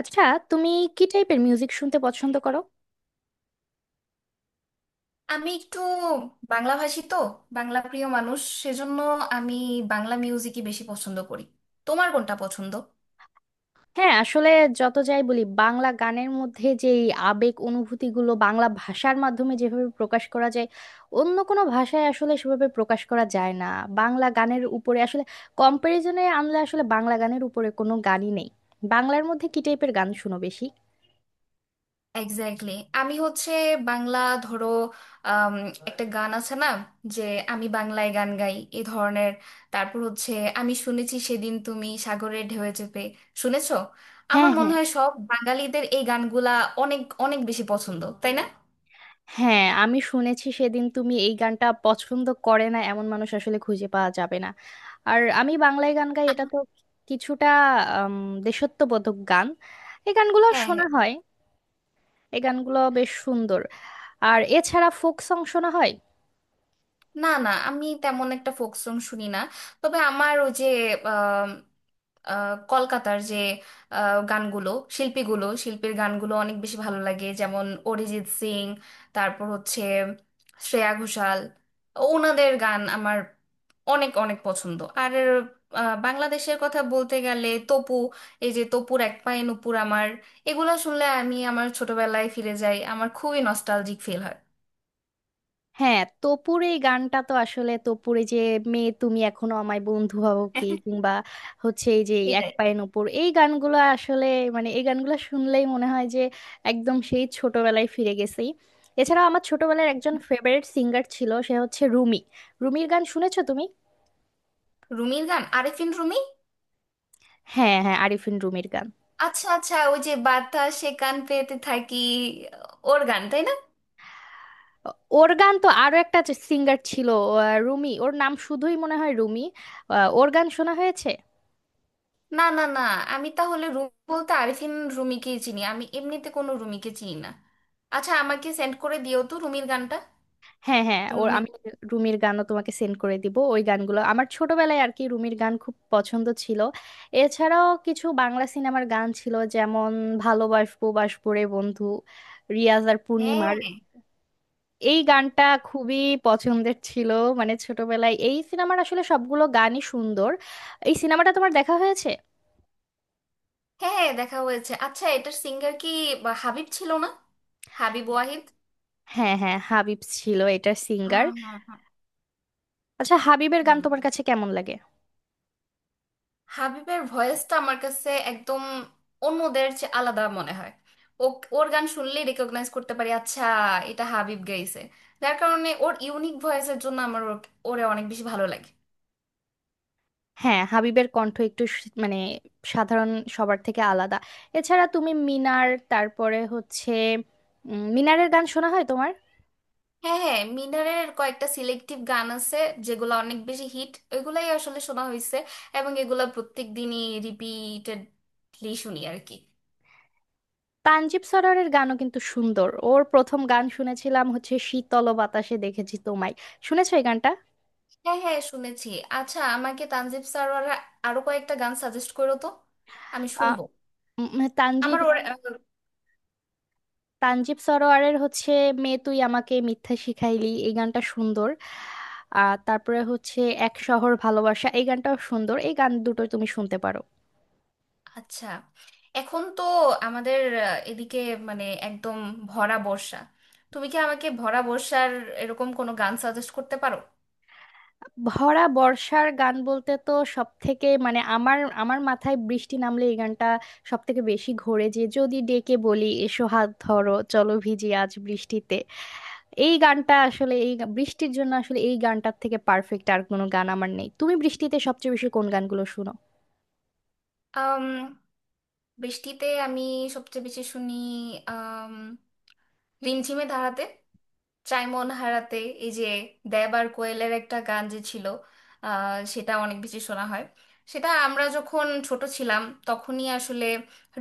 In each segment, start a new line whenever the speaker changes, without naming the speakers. আচ্ছা, তুমি কি টাইপের মিউজিক শুনতে পছন্দ করো?
আমি একটু বাংলা ভাষী তো, বাংলা প্রিয় মানুষ সেজন্য আমি বাংলা মিউজিকই বেশি পছন্দ করি। তোমার কোনটা পছন্দ?
হ্যাঁ, আসলে যত যাই বলি, বাংলা গানের মধ্যে যে এই আবেগ অনুভূতিগুলো বাংলা ভাষার মাধ্যমে যেভাবে প্রকাশ করা যায়, অন্য কোনো ভাষায় আসলে সেভাবে প্রকাশ করা যায় না। বাংলা গানের উপরে আসলে কম্পারিজনে আনলে আসলে বাংলা গানের উপরে কোনো গানই নেই। বাংলার মধ্যে কি টাইপের গান শুনো বেশি?
এক্স্যাক্টলি। আমি হচ্ছে বাংলা, ধরো, আম, একটা গান আছে না, যে আমি বাংলায় গান গাই এ ধরনের। তারপর হচ্ছে আমি শুনেছি সেদিন তুমি সাগরের ঢেউয়ে চেপে, শুনেছো?
হ্যাঁ
আমার মনে
হ্যাঁ
হয় সব বাঙালিদের এই গানগুলা অনেক অনেক বেশি পছন্দ, তাই না?
হ্যাঁ আমি শুনেছি সেদিন তুমি এই গানটা পছন্দ করে না এমন মানুষ আসলে খুঁজে পাওয়া যাবে না। আর আমি বাংলায় গান গাই,
আ-
এটা তো কিছুটা আম, দেশাত্মবোধক গান, এই গানগুলো
হ্যাঁ, হ্যাঁ।
শোনা হয়। এই গানগুলো বেশ সুন্দর। আর এছাড়া ফোক সং শোনা হয়।
না না, আমি তেমন একটা ফোক সং শুনি না। তবে আমার ওই যে আম, কলকাতার যে গানগুলো, শিল্পীগুলো, শিল্পীর গানগুলো অনেক বেশি ভালো লাগে, যেমন অরিজিৎ সিং, তারপর হচ্ছে শ্রেয়া ঘোষাল। ওনাদের গান আমার অনেক অনেক পছন্দ। আর বাংলাদেশের কথা বলতে গেলে তপু, এই যে তপুর এক পায়ে নুপুর আমার, এগুলো শুনলে আমি আমার ছোটবেলায় ফিরে যাই, আমার খুবই নস্টালজিক ফিল হয়।
হ্যাঁ, তপুর এই গানটা তো আসলে তপুর এই যে মেয়ে তুমি এখনো আমায় বন্ধু হবো কি, কিংবা হচ্ছে এই যে এক
এটাই।
পায়ের ওপর, এই গানগুলো আসলে মানে এই গানগুলো শুনলেই মনে হয় যে একদম সেই ছোটবেলায় ফিরে গেছি। এছাড়াও আমার ছোটবেলার একজন ফেভারিট সিঙ্গার ছিল, সে হচ্ছে রুমি। রুমির গান শুনেছো তুমি?
রুমির গান? আরেফিন রুমি।
হ্যাঁ হ্যাঁ, আরিফিন রুমির গান।
আচ্ছা আচ্ছা, ওই যে বাতাসে কান পেতে থাকি, ওর গান তাই না?
ও- ওর গান তো আরো একটা সিঙ্গার ছিল। রুমি ওর নাম, শুধুই মনে হয় রুমি। ওর গান শোনা হয়েছে?
না না না, আমি তাহলে রুমি বলতে আরিফিন রুমিকেই চিনি, আমি এমনিতে কোনো রুমিকে চিনি না। আচ্ছা, আমাকে সেন্ড করে দিও তো রুমির গানটা।
হ্যাঁ হ্যাঁ, ওর
রুমি।
আমি রুমির গানও তোমাকে সেন্ড করে দিব। ওই গানগুলো আমার ছোটবেলায় আর কি রুমির গান খুব পছন্দ ছিল। এছাড়াও কিছু বাংলা সিনেমার গান ছিল, যেমন ভালোবাসবো বাসবো রে বন্ধু, রিয়াজ আর
হ্যাঁ
পূর্ণিমার এই গানটা খুবই পছন্দের ছিল। মানে ছোটবেলায় এই সিনেমার আসলে সবগুলো গানই সুন্দর। এই সিনেমাটা তোমার দেখা হয়েছে?
হ্যাঁ হ্যাঁ, দেখা হয়েছে। আচ্ছা, এটার সিঙ্গার কি বা হাবিব ছিল না? হাবিব ওয়াহিদ।
হ্যাঁ হ্যাঁ, হাবিব ছিল এটার সিঙ্গার।
হ্যাঁ হ্যাঁ হ্যাঁ।
আচ্ছা, হাবিবের গান
হুম,
তোমার কাছে কেমন লাগে?
হাবিবের ভয়েসটা আমার কাছে একদম অন্যদের চেয়ে আলাদা মনে হয়। ও, ওর গান শুনলেই রেকগনাইজ করতে পারি, আচ্ছা এটা হাবিব গাইছে। যার কারণে ওর ইউনিক ভয়েসের জন্য আমার ওরে অনেক বেশি ভালো লাগে।
হ্যাঁ, হাবিবের কণ্ঠ একটু মানে সাধারণ সবার থেকে আলাদা। এছাড়া তুমি মিনার, তারপরে হচ্ছে মিনারের গান শোনা হয় তোমার?
হ্যাঁ হ্যাঁ, মিনারের কয়েকটা সিলেক্টিভ গান আছে, যেগুলো অনেক বেশি হিট, ওইগুলাই আসলে শোনা হয়েছে। এবং এগুলা প্রত্যেক দিনই রিপিটেডলি শুনি আর কি।
তানজিব সরোয়ারের গানও কিন্তু সুন্দর। ওর প্রথম গান শুনেছিলাম হচ্ছে শীতল বাতাসে দেখেছি তোমায়। শুনেছো এই গানটা?
হ্যাঁ হ্যাঁ, শুনেছি। আচ্ছা, আমাকে তানজিব স্যার আরো কয়েকটা গান সাজেস্ট করো তো, আমি
আহ,
শুনবো।
তানজিব
আমার ওর।
তানজিব সরোয়ারের হচ্ছে মেয়ে তুই আমাকে মিথ্যা শিখাইলি, এই গানটা সুন্দর। আর তারপরে হচ্ছে এক শহর ভালোবাসা, এই গানটাও সুন্দর। এই গান দুটো তুমি শুনতে পারো।
আচ্ছা, এখন তো আমাদের এদিকে মানে একদম ভরা বর্ষা। তুমি কি আমাকে ভরা বর্ষার এরকম কোনো গান সাজেস্ট করতে পারো?
ভরা বর্ষার গান বলতে তো সব থেকে মানে আমার আমার মাথায় বৃষ্টি নামলে এই গানটা সব থেকে বেশি ঘোরে, যে যদি ডেকে বলি এসো হাত ধরো চলো ভিজি আজ বৃষ্টিতে। এই গানটা আসলে এই বৃষ্টির জন্য আসলে এই গানটার থেকে পারফেক্ট আর কোনো গান আমার নেই। তুমি বৃষ্টিতে সবচেয়ে বেশি কোন গানগুলো শুনো?
আম, বৃষ্টিতে আমি সবচেয়ে বেশি শুনি আম, রিমঝিমে ধারাতে চাই মন হারাতে, এই যে দেব আর কোয়েলের একটা গান যে ছিল, সেটা অনেক বেশি শোনা হয়। সেটা আমরা যখন ছোট ছিলাম তখনই আসলে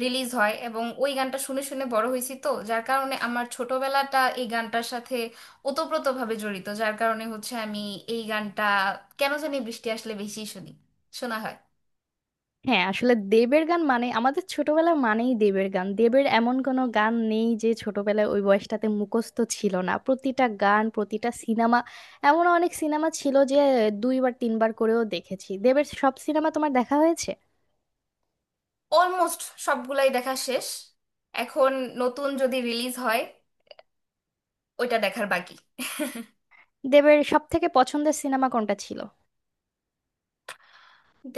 রিলিজ হয়, এবং ওই গানটা শুনে শুনে বড় হয়েছি, তো যার কারণে আমার ছোটবেলাটা এই গানটার সাথে ওতপ্রোতভাবে জড়িত, যার কারণে হচ্ছে আমি এই গানটা কেন জানি বৃষ্টি আসলে বেশি শুনি, শোনা হয়।
হ্যাঁ, আসলে দেবের গান মানে আমাদের ছোটবেলা মানেই দেবের গান। দেবের এমন কোনো গান নেই যে ছোটবেলায় ওই বয়সটাতে মুখস্থ ছিল না, প্রতিটা গান, প্রতিটা সিনেমা। এমন অনেক সিনেমা ছিল যে দুইবার তিনবার করেও দেখেছি। দেবের সব সিনেমা তোমার দেখা হয়েছে?
অলমোস্ট সবগুলাই দেখা শেষ। এখন নতুন যদি রিলিজ হয় ওইটা দেখার বাকি।
দেবের সব থেকে পছন্দের সিনেমা কোনটা ছিল?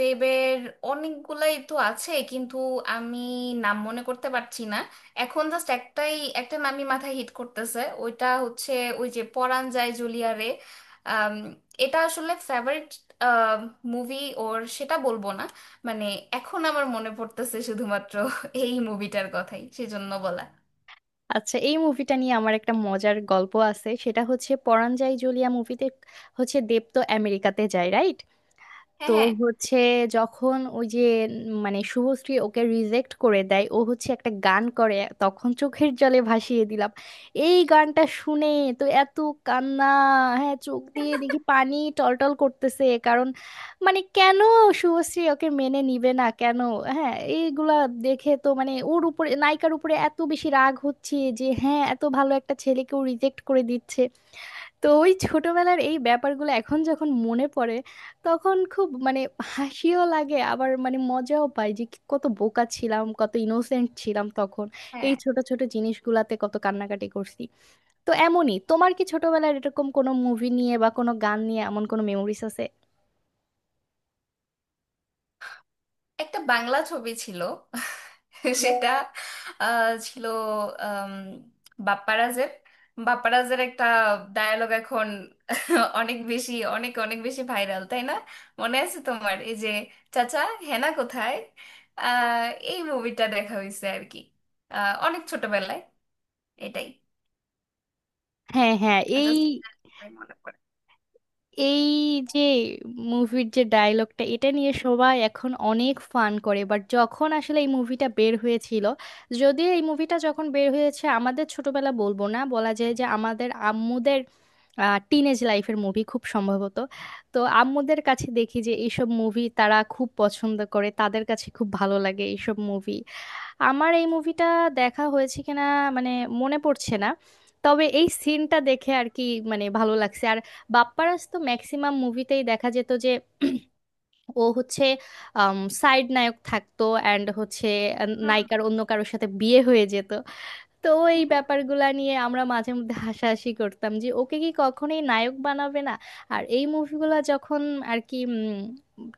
দেবের অনেকগুলাই তো আছে, কিন্তু আমি নাম মনে করতে পারছি না। এখন জাস্ট একটাই, একটা নামই মাথায় হিট করতেছে, ওইটা হচ্ছে ওই যে পরাণ যায় জুলিয়া রে। আম, এটা আসলে ফেভারিট মুভি ওর সেটা বলবো না, মানে এখন আমার মনে পড়তেছে শুধুমাত্র এই মুভিটার কথাই, সেজন্য বলা।
আচ্ছা, এই মুভিটা নিয়ে আমার একটা মজার গল্প আছে। সেটা হচ্ছে পরাণ যায় জ্বলিয়া মুভিতে হচ্ছে দেব তো আমেরিকাতে যায়, রাইট?
হ্যাঁ
তো
হ্যাঁ।
হচ্ছে যখন ওই যে মানে শুভশ্রী ওকে রিজেক্ট করে দেয়, ও হচ্ছে একটা গান করে, তখন চোখের জলে ভাসিয়ে দিলাম এই গানটা শুনে তো এত কান্না। হ্যাঁ, চোখ দিয়ে দেখি পানি টলটল করতেছে, কারণ মানে কেন শুভশ্রী ওকে মেনে নিবে না কেন। হ্যাঁ, এইগুলা দেখে তো মানে ওর উপরে, নায়িকার উপরে এত বেশি রাগ হচ্ছে যে, হ্যাঁ, এত ভালো একটা ছেলেকেও রিজেক্ট করে দিচ্ছে। তো ওই ছোটবেলার এই ব্যাপারগুলো এখন যখন মনে পড়ে, তখন খুব মানে হাসিও লাগে, আবার মানে মজাও পাই যে কত বোকা ছিলাম, কত ইনোসেন্ট ছিলাম তখন। এই
হ্যাঁ,
ছোট ছোট জিনিসগুলাতে কত কান্নাকাটি করছি। তো এমনই তোমার কি ছোটবেলার এরকম কোনো মুভি নিয়ে বা কোনো গান নিয়ে এমন কোনো মেমোরিজ আছে?
একটা বাংলা ছবি ছিল, সেটা ছিল আম, বাপ্পারাজের। একটা ডায়ালগ এখন অনেক বেশি, অনেক অনেক বেশি ভাইরাল, তাই না? মনে আছে তোমার, এই যে চাচা হেনা কোথায়? আহ, এই মুভিটা দেখা হয়েছে আর কি, অনেক ছোটবেলায়। এটাই,
হ্যাঁ হ্যাঁ এই
জাস্ট মনে পড়ে।
এই যে মুভির যে ডায়লগটা, এটা নিয়ে সবাই এখন অনেক ফান করে, বাট যখন আসলে এই মুভিটা বের হয়েছিল, যদিও এই মুভিটা যখন বের হয়েছে আমাদের ছোটবেলা বলবো না, বলা যায় যে আমাদের আম্মুদের টিনেজ লাইফের মুভি খুব সম্ভবত। তো আম্মুদের কাছে দেখি যে এইসব মুভি তারা খুব পছন্দ করে, তাদের কাছে খুব ভালো লাগে এইসব মুভি। আমার এই মুভিটা দেখা হয়েছে কিনা মানে মনে পড়ছে না। তবে এই সিনটা দেখে আর কি মানে ভালো লাগছে। আর বাপ্পারাজ তো ম্যাক্সিমাম মুভিতেই দেখা যেত যে ও হচ্ছে সাইড নায়ক থাকতো, অ্যান্ড হচ্ছে নায়িকার অন্য কারোর সাথে বিয়ে হয়ে যেত। তো এই ব্যাপারগুলা নিয়ে আমরা মাঝে মধ্যে হাসাহাসি করতাম যে ওকে কি কখনোই নায়ক বানাবে না। আর এই মুভিগুলা যখন আর কি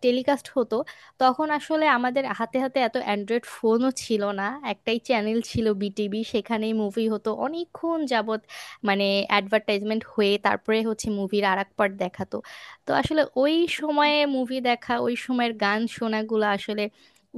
টেলিকাস্ট হতো, তখন আসলে আমাদের হাতে হাতে এত অ্যান্ড্রয়েড ফোনও ছিল না। একটাই চ্যানেল ছিল বিটিভি, সেখানেই মুভি হতো অনেকক্ষণ যাবত, মানে অ্যাডভার্টাইজমেন্ট হয়ে তারপরে হচ্ছে মুভির আর এক পার্ট দেখাতো। তো আসলে ওই সময়ে মুভি দেখা, ওই সময়ের গান শোনাগুলো আসলে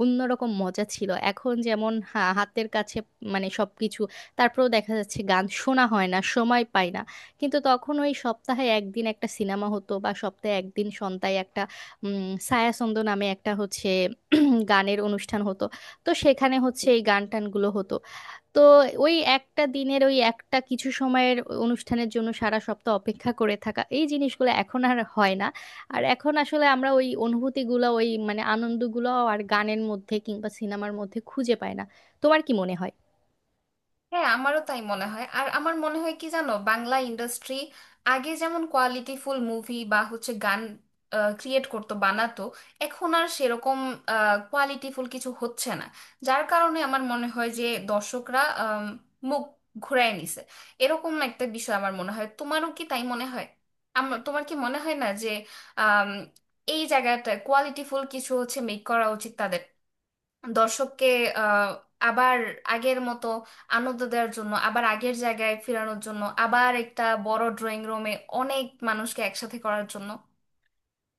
অন্যরকম মজা ছিল। এখন যেমন হাতের কাছে মানে সবকিছু, তারপরেও দেখা যাচ্ছে গান শোনা হয় না, সময় পাই না। কিন্তু তখন ওই সপ্তাহে একদিন একটা সিনেমা হতো, বা সপ্তাহে একদিন সন্ধ্যায় একটা ছায়াছন্দ নামে একটা হচ্ছে গানের অনুষ্ঠান হতো। তো সেখানে হচ্ছে এই গান টানগুলো হতো। তো ওই একটা দিনের, ওই একটা কিছু সময়ের অনুষ্ঠানের জন্য সারা সপ্তাহ অপেক্ষা করে থাকা, এই জিনিসগুলো এখন আর হয় না। আর এখন আসলে আমরা ওই অনুভূতিগুলো, ওই মানে আনন্দগুলো আর গানের মধ্যে কিংবা সিনেমার মধ্যে খুঁজে পাই না। তোমার কি মনে হয়?
হ্যাঁ, আমারও তাই মনে হয়। আর আমার মনে হয় কি জানো, বাংলা ইন্ডাস্ট্রি আগে যেমন কোয়ালিটিফুল মুভি বা হচ্ছে গান ক্রিয়েট করতো, বানাতো, এখন আর সেরকম কোয়ালিটিফুল কিছু হচ্ছে না। যার কারণে আমার মনে হয় যে দর্শকরা মুখ ঘুরায় নিছে, এরকম একটা বিষয় আমার মনে হয়। তোমারও কি তাই মনে হয়? আমার, তোমার কি মনে হয় না যে আম, এই জায়গাটা কোয়ালিটিফুল কিছু হচ্ছে মেক করা উচিত, দর্শককে আহ, আবার আগের মতো আনন্দ দেওয়ার জন্য, আবার আগের জায়গায় ফেরানোর জন্য, আবার একটা বড় ড্রয়িং রুমে অনেক মানুষকে একসাথে করার জন্য।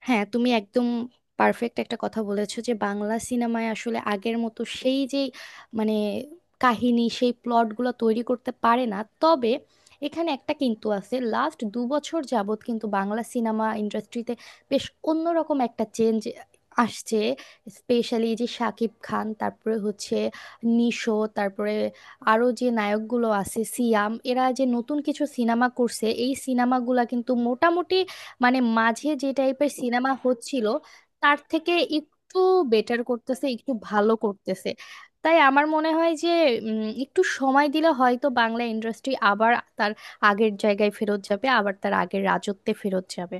হ্যাঁ, তুমি একদম পারফেক্ট একটা কথা বলেছো যে বাংলা সিনেমায় আসলে আগের মতো সেই যে মানে কাহিনী, সেই প্লটগুলো তৈরি করতে পারে না। তবে এখানে একটা কিন্তু আছে, লাস্ট 2 বছর যাবৎ কিন্তু বাংলা সিনেমা ইন্ডাস্ট্রিতে বেশ অন্যরকম একটা চেঞ্জ আসছে। স্পেশালি যে শাকিব খান, তারপরে হচ্ছে নিশো, তারপরে আরও যে নায়কগুলো আছে সিয়াম, এরা যে নতুন কিছু সিনেমা করছে, এই সিনেমাগুলা কিন্তু মোটামুটি মানে মাঝে যে টাইপের সিনেমা হচ্ছিল তার থেকে একটু বেটার করতেছে, একটু ভালো করতেছে। তাই আমার মনে হয় যে একটু সময় দিলে হয়তো বাংলা ইন্ডাস্ট্রি আবার তার আগের জায়গায় ফেরত যাবে, আবার তার আগের রাজত্বে ফেরত যাবে।